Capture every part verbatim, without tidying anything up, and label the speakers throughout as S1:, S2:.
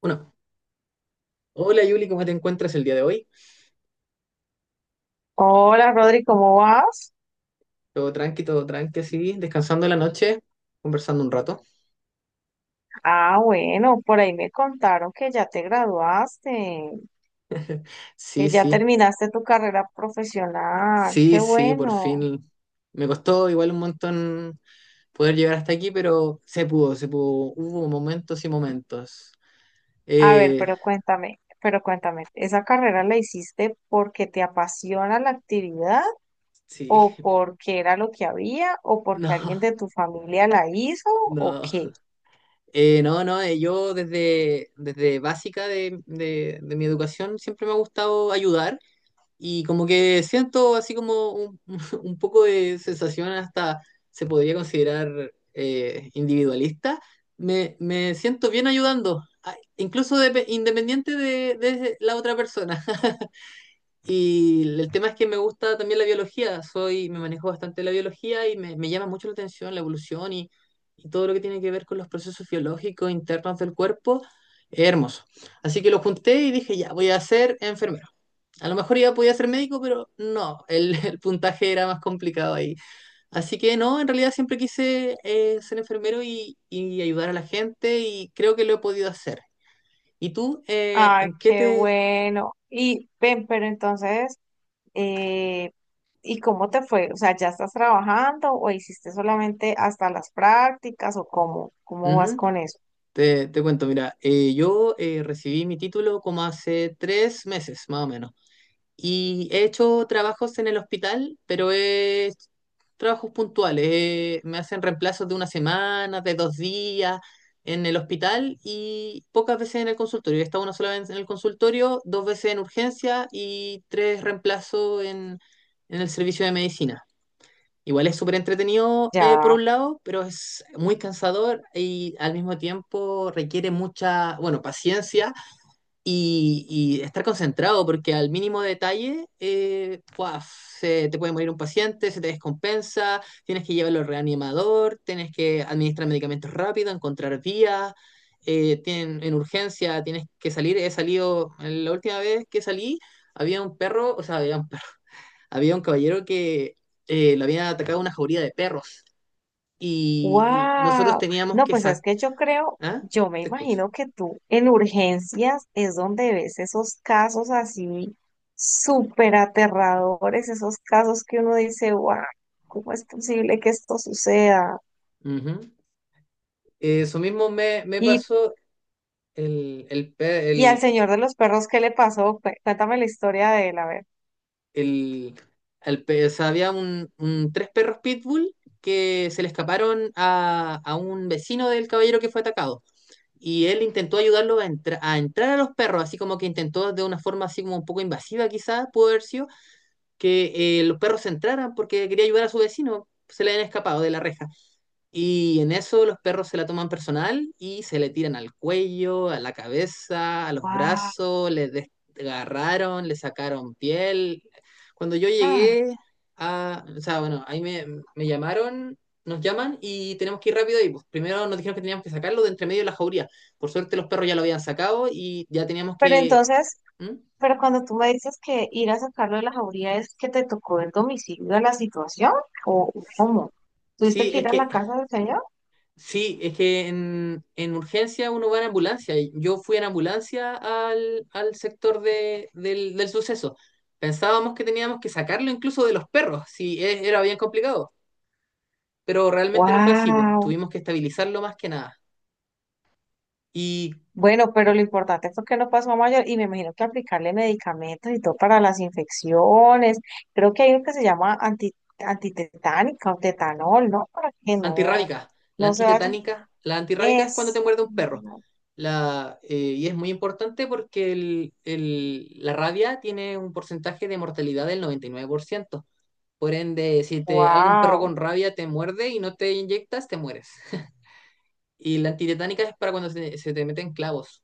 S1: Bueno, hola Yuli, ¿cómo te encuentras el día de hoy?
S2: Hola Rodri, ¿cómo vas?
S1: Todo tranqui, todo tranqui, así, descansando la noche, conversando un rato.
S2: Ah, bueno, por ahí me contaron que ya te graduaste, que
S1: Sí,
S2: ya
S1: sí,
S2: terminaste tu carrera profesional. Qué
S1: sí, sí, por
S2: bueno.
S1: fin. Me costó igual un montón poder llegar hasta aquí, pero se pudo, se pudo. Hubo momentos y momentos.
S2: A ver,
S1: Eh,
S2: pero cuéntame, pero cuéntame, ¿esa carrera la hiciste porque te apasiona la actividad
S1: sí.
S2: o porque era lo que había o porque
S1: No,
S2: alguien de tu familia la hizo o
S1: no.
S2: qué?
S1: Eh, no, no, eh, Yo desde, desde básica de, de de mi educación siempre me ha gustado ayudar. Y como que siento así como un, un poco de sensación, hasta se podría considerar eh, individualista. Me, me siento bien ayudando, a- incluso depe- independiente de, de la otra persona. Y el tema es que me gusta también la biología, soy, me manejo bastante la biología y me, me llama mucho la atención la evolución y, y todo lo que tiene que ver con los procesos biológicos internos del cuerpo. Es hermoso. Así que lo junté y dije, ya, voy a ser enfermero. A lo mejor iba podía ser médico, pero no, el, el puntaje era más complicado ahí. Así que no, en realidad siempre quise eh, ser enfermero y, y ayudar a la gente y creo que lo he podido hacer. ¿Y tú, eh,
S2: Ay,
S1: en qué
S2: qué
S1: te...
S2: bueno. Y ven, pero entonces... Eh, ¿y cómo te fue? O sea, ¿ya estás trabajando o hiciste solamente hasta las prácticas o cómo? ¿Cómo vas
S1: Ujú.
S2: con eso?
S1: Te, te cuento, mira, eh, yo eh, recibí mi título como hace tres meses, más o menos. Y he hecho trabajos en el hospital, pero es trabajos puntuales. Eh, me hacen reemplazos de una semana, de dos días en el hospital y pocas veces en el consultorio. He estado una sola vez en el consultorio, dos veces en urgencia y tres reemplazos en, en el servicio de medicina. Igual es súper entretenido eh, por
S2: Ya,
S1: un lado, pero es muy cansador y al mismo tiempo requiere mucha, bueno, paciencia y, y estar concentrado, porque al mínimo detalle, eh, ¡guau! Se te puede morir un paciente, se te descompensa, tienes que llevarlo al reanimador, tienes que administrar medicamentos rápido, encontrar vías, eh, tienen, en urgencia tienes que salir. He salido, la última vez que salí, había un perro, o sea, había un perro, había un caballero que eh, lo había atacado una jauría de perros y l- nosotros
S2: wow.
S1: teníamos
S2: No,
S1: que
S2: pues es
S1: sacar.
S2: que yo creo,
S1: ¿Ah?
S2: yo me
S1: Te escucho.
S2: imagino que tú en urgencias es donde ves esos casos así súper aterradores, esos casos que uno dice, wow, ¿cómo es posible que esto suceda?
S1: Ujú. Eso mismo me, me
S2: Y,
S1: pasó. El, el, pe-
S2: y al
S1: el,
S2: señor de los perros, ¿qué le pasó? Cué- Cuéntame la historia de él, a ver.
S1: el, al pe- O sea, había un, un- tres perros pitbull que se le escaparon a, a un vecino del caballero que fue atacado. Y él intentó ayudarlo a, entra- a entrar a los perros, así como que intentó de una forma así como un poco invasiva quizás, pudo haber sido, que eh, los perros entraran porque quería ayudar a su vecino, se le habían escapado de la reja. Y en eso los perros se la toman personal y se le tiran al cuello, a la cabeza, a los brazos, le desgarraron, le sacaron piel. Cuando yo
S2: ¡Wow!
S1: llegué a, o sea, bueno, ahí me, me llamaron, nos llaman y tenemos que ir rápido y pues, primero nos dijeron que teníamos que sacarlo de entre medio de la jauría. Por suerte los perros ya lo habían sacado y ya teníamos
S2: Pero
S1: que...
S2: entonces,
S1: ¿Mm?
S2: pero cuando tú me dices que ir a sacarlo de la jauría es que te tocó el domicilio de la situación, ¿o cómo? ¿Tuviste
S1: Sí,
S2: que
S1: es
S2: ir a
S1: que
S2: la casa del señor?
S1: sí, es que en, en urgencia uno va en ambulancia. Y yo fui en ambulancia al, al sector de, del, del suceso. Pensábamos que teníamos que sacarlo incluso de los perros, si era bien complicado. Pero realmente no fue así, pues.
S2: ¡Wow!
S1: Tuvimos que estabilizarlo más que nada. Y
S2: Bueno, pero lo importante fue que no pasó a mayor y me imagino que aplicarle medicamentos y todo para las infecciones. Creo que hay uno que se llama anti, antitetánica o tetanol, ¿no? Para que no,
S1: antirrábica, la
S2: no se vaya.
S1: antitetánica, la antirrábica es cuando te
S2: Eso.
S1: muerde un perro. La, eh, y es muy importante porque el- el- la rabia tiene un porcentaje de mortalidad del noventa y nueve por ciento. Por ende, si te, alguien, un perro
S2: ¡Wow!
S1: con rabia te muerde y no te inyectas, te mueres. Y la antitetánica es para cuando se, se te meten clavos.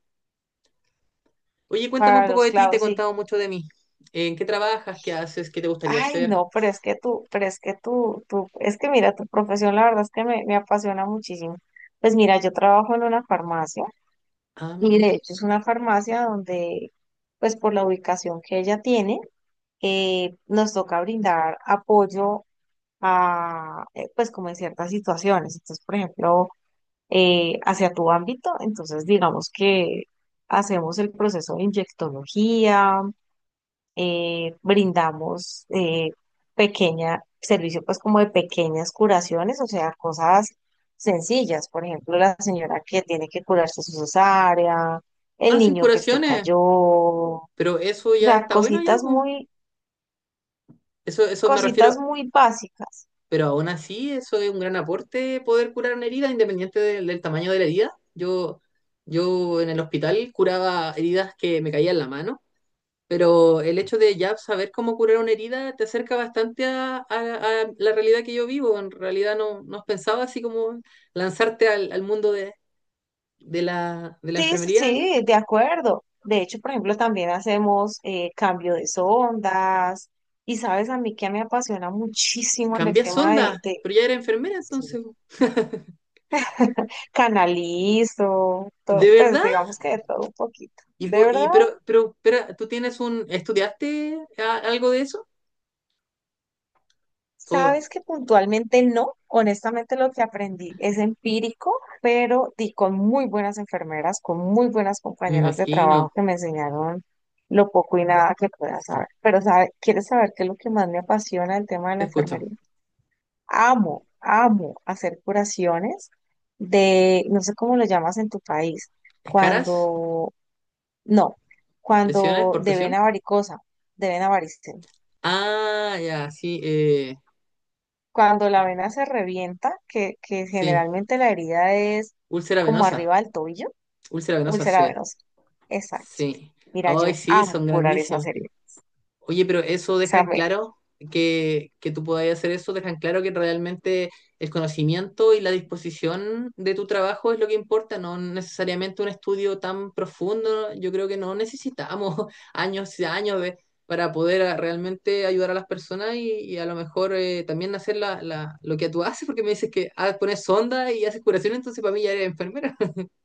S1: Oye, cuéntame un
S2: Para
S1: poco
S2: los
S1: de ti, te he
S2: clavos, sí.
S1: contado mucho de mí. ¿En qué trabajas? ¿Qué haces? ¿Qué te gustaría
S2: Ay,
S1: hacer?
S2: no, pero es que tú, pero es que tú, tú, es que mira, tu profesión la verdad es que me, me apasiona muchísimo. Pues mira, yo trabajo en una farmacia
S1: Ah,
S2: y
S1: mira.
S2: de hecho es una farmacia donde, pues por la ubicación que ella tiene, eh, nos toca brindar apoyo a, eh, pues como en ciertas situaciones. Entonces, por ejemplo, eh, hacia tu ámbito, entonces digamos que hacemos el proceso de inyectología, eh, brindamos eh, pequeña, servicio pues como de pequeñas curaciones, o sea, cosas sencillas. Por ejemplo, la señora que tiene que curarse su cesárea, el
S1: Hacen
S2: niño que se
S1: curaciones,
S2: cayó, o
S1: pero eso ya
S2: sea,
S1: está bueno ya,
S2: cositas
S1: pues.
S2: muy,
S1: Eso, eso me
S2: cositas
S1: refiero,
S2: muy básicas.
S1: pero aún así, eso es un gran aporte poder curar una herida, independiente del, del tamaño de la herida. Yo, yo en el hospital curaba heridas que me caían en la mano. Pero el hecho de ya saber cómo curar una herida te acerca bastante a, a- a la realidad que yo vivo. En realidad no, no pensaba así como lanzarte al, al mundo de, de la, de la
S2: Sí, sí,
S1: enfermería. Algo.
S2: sí, de acuerdo. De hecho, por ejemplo, también hacemos eh, cambio de sondas. Y sabes, a mí que me apasiona muchísimo en el
S1: Cambias
S2: tema de,
S1: onda,
S2: de,
S1: pero ya eres enfermera
S2: sí,
S1: entonces.
S2: canalizo,
S1: ¿De
S2: todo, pues
S1: verdad?
S2: digamos que de todo un poquito.
S1: Y,
S2: De
S1: po-
S2: verdad,
S1: y pero, pero, espera, ¿tú tienes un, estudiaste a- algo de eso? O
S2: sabes que puntualmente no, honestamente lo que aprendí es empírico, pero di con muy buenas enfermeras, con muy buenas
S1: me
S2: compañeras de
S1: imagino,
S2: trabajo que me enseñaron lo poco y nada que pueda saber. Pero sabe, ¿quieres saber qué es lo que más me apasiona el tema de la
S1: te escucho.
S2: enfermería? Amo, amo hacer curaciones de, no sé cómo lo llamas en tu país,
S1: ¿Escaras?
S2: cuando no,
S1: ¿Lesiones
S2: cuando
S1: por
S2: de
S1: presión?
S2: vena varicosa, de vena varicela.
S1: Ah, ya, sí, eh,
S2: Cuando la vena se revienta, que, que
S1: sí.
S2: generalmente la herida es
S1: Úlcera
S2: como
S1: venosa.
S2: arriba del tobillo,
S1: Úlcera venosa,
S2: úlcera
S1: sí.
S2: venosa. Exacto.
S1: Sí,
S2: Mira,
S1: hoy
S2: yo
S1: sí,
S2: amo
S1: son
S2: curar esa
S1: grandísimas.
S2: heridas.
S1: Oye, pero eso
S2: O
S1: deja
S2: sea,
S1: en
S2: me,
S1: claro que, que tú podáis hacer eso, deja en claro que realmente el conocimiento y la disposición de tu trabajo es lo que importa, no necesariamente un estudio tan profundo. Yo creo que no necesitamos años y años de- para poder ah, realmente ayudar a las personas y, y a lo mejor eh, también hacer la, la- lo que tú haces, porque me dices que ah, pones sonda y haces curación, entonces para mí ya eres enfermera.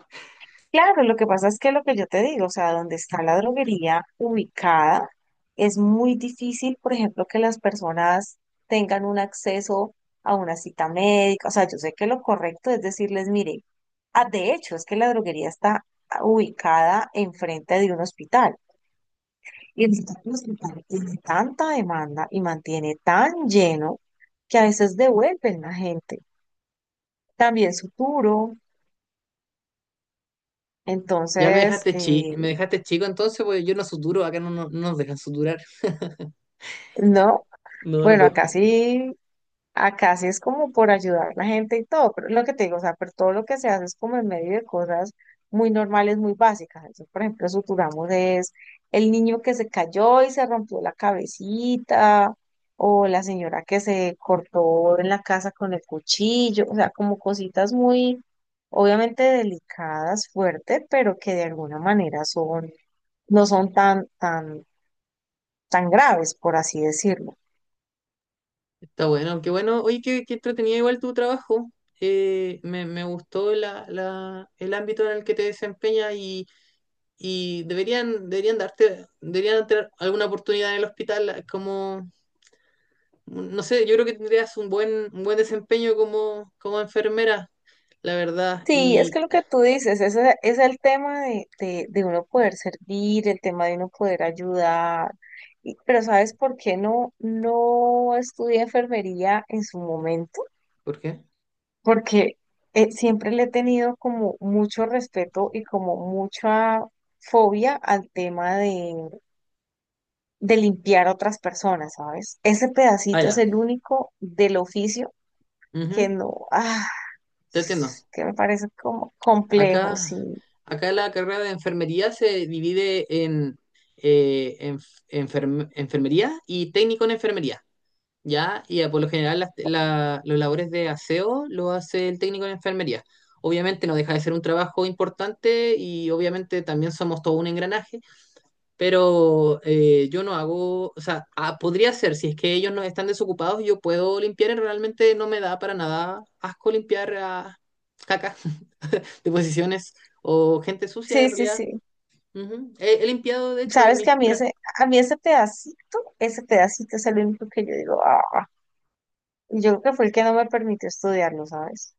S2: claro, lo que pasa es que lo que yo te digo, o sea, donde está la droguería ubicada, es muy difícil, por ejemplo, que las personas tengan un acceso a una cita médica. O sea, yo sé que lo correcto es decirles, mire, ah, de hecho, es que la droguería está ubicada enfrente de un hospital. Y el hospital tiene tanta demanda y mantiene tan lleno que a veces devuelven la gente. También su puro.
S1: Ya me
S2: Entonces,
S1: dejaste chi,
S2: eh,
S1: me dejaste chico entonces, pues yo no suturo, acá no, no, no nos dejan suturar.
S2: no.
S1: No, no
S2: Bueno, acá
S1: podemos.
S2: sí, acá sí es como por ayudar a la gente y todo, pero es lo que te digo, o sea, pero todo lo que se hace es como en medio de cosas muy normales, muy básicas. Entonces, por ejemplo, suturamos es el niño que se cayó y se rompió la cabecita, o la señora que se cortó en la casa con el cuchillo, o sea, como cositas muy, obviamente delicadas, fuertes, pero que de alguna manera son, no son tan, tan, tan graves, por así decirlo.
S1: Está bueno, qué bueno. Oye, qué, qué entretenido igual tu trabajo. Eh, me, me gustó la, la, el ámbito en el que te desempeñas y, y deberían, deberían darte, deberían tener alguna oportunidad en el hospital como, no sé, yo creo que tendrías un buen, un buen desempeño como, como enfermera, la verdad.
S2: Sí, es que
S1: Y,
S2: lo que tú dices, ese es el tema de, de, de uno poder servir, el tema de uno poder ayudar. Y- pero ¿sabes por qué no, no estudié enfermería en su momento?
S1: ¿por qué?
S2: Porque eh, siempre le he tenido como mucho respeto y como mucha fobia al tema de, de limpiar a otras personas, ¿sabes? Ese
S1: Ah,
S2: pedacito es
S1: ya.
S2: el único del oficio que
S1: Ujú,
S2: no, ah,
S1: te entiendo.
S2: que me parece como complejo, sí.
S1: Acá, acá la carrera de enfermería se divide en eh, enf- enferm- enfermería y técnico en enfermería, ¿ya? Y eh, por lo general las- la- los labores de aseo lo hace el técnico en enfermería. Obviamente no deja de ser un trabajo importante y obviamente también somos todo un engranaje, pero eh, yo no hago, o sea, ah, podría ser, si es que ellos no están desocupados, yo puedo limpiar y realmente no me da para nada asco limpiar a caca de posiciones o gente sucia
S2: Sí,
S1: en
S2: sí,
S1: realidad.
S2: sí.
S1: Ujú. He, he limpiado, de hecho, en
S2: Sabes
S1: mis
S2: que a mí ese,
S1: prácticas.
S2: a mí ese pedacito, ese pedacito es el único que yo digo, ah, y yo creo que fue el que no me permitió estudiarlo, ¿sabes?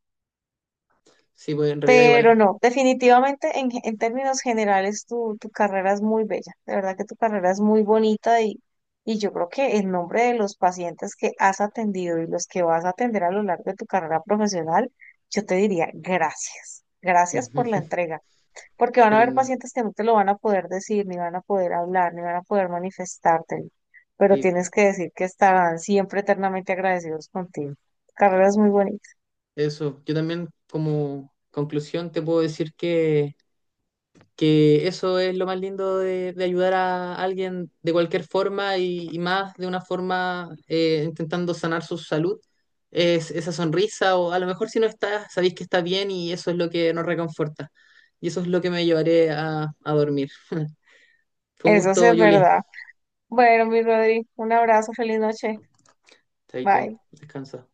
S1: Sí, pues en realidad igual
S2: Pero
S1: es.
S2: no, definitivamente en, ge- en términos generales tu, tu carrera es muy bella, de verdad que tu carrera es muy bonita y, y yo creo que en nombre de los pacientes que has atendido y los que vas a atender a lo largo de tu carrera profesional, yo te diría gracias, gracias
S1: Ujú.
S2: por la entrega. Porque van
S1: Qué
S2: a haber
S1: lindo.
S2: pacientes que no te lo van a poder decir, ni van a poder hablar, ni van a poder manifestártelo, pero
S1: Y
S2: tienes que decir que estarán siempre eternamente agradecidos contigo. Carreras muy bonitas.
S1: eso. Yo también, como conclusión, te puedo decir que, que eso es lo más lindo de, de ayudar a alguien de cualquier forma y, y más de una forma eh, intentando sanar su salud. Es esa sonrisa, o a lo mejor si no está, sabéis que está bien y eso es lo que nos reconforta. Y eso es lo que me llevaré a, a dormir. Fue un
S2: Eso sí
S1: gusto,
S2: es
S1: Julie.
S2: verdad. Bueno, mi Rodri, un abrazo, feliz noche. Bye.
S1: Chaito, descansa.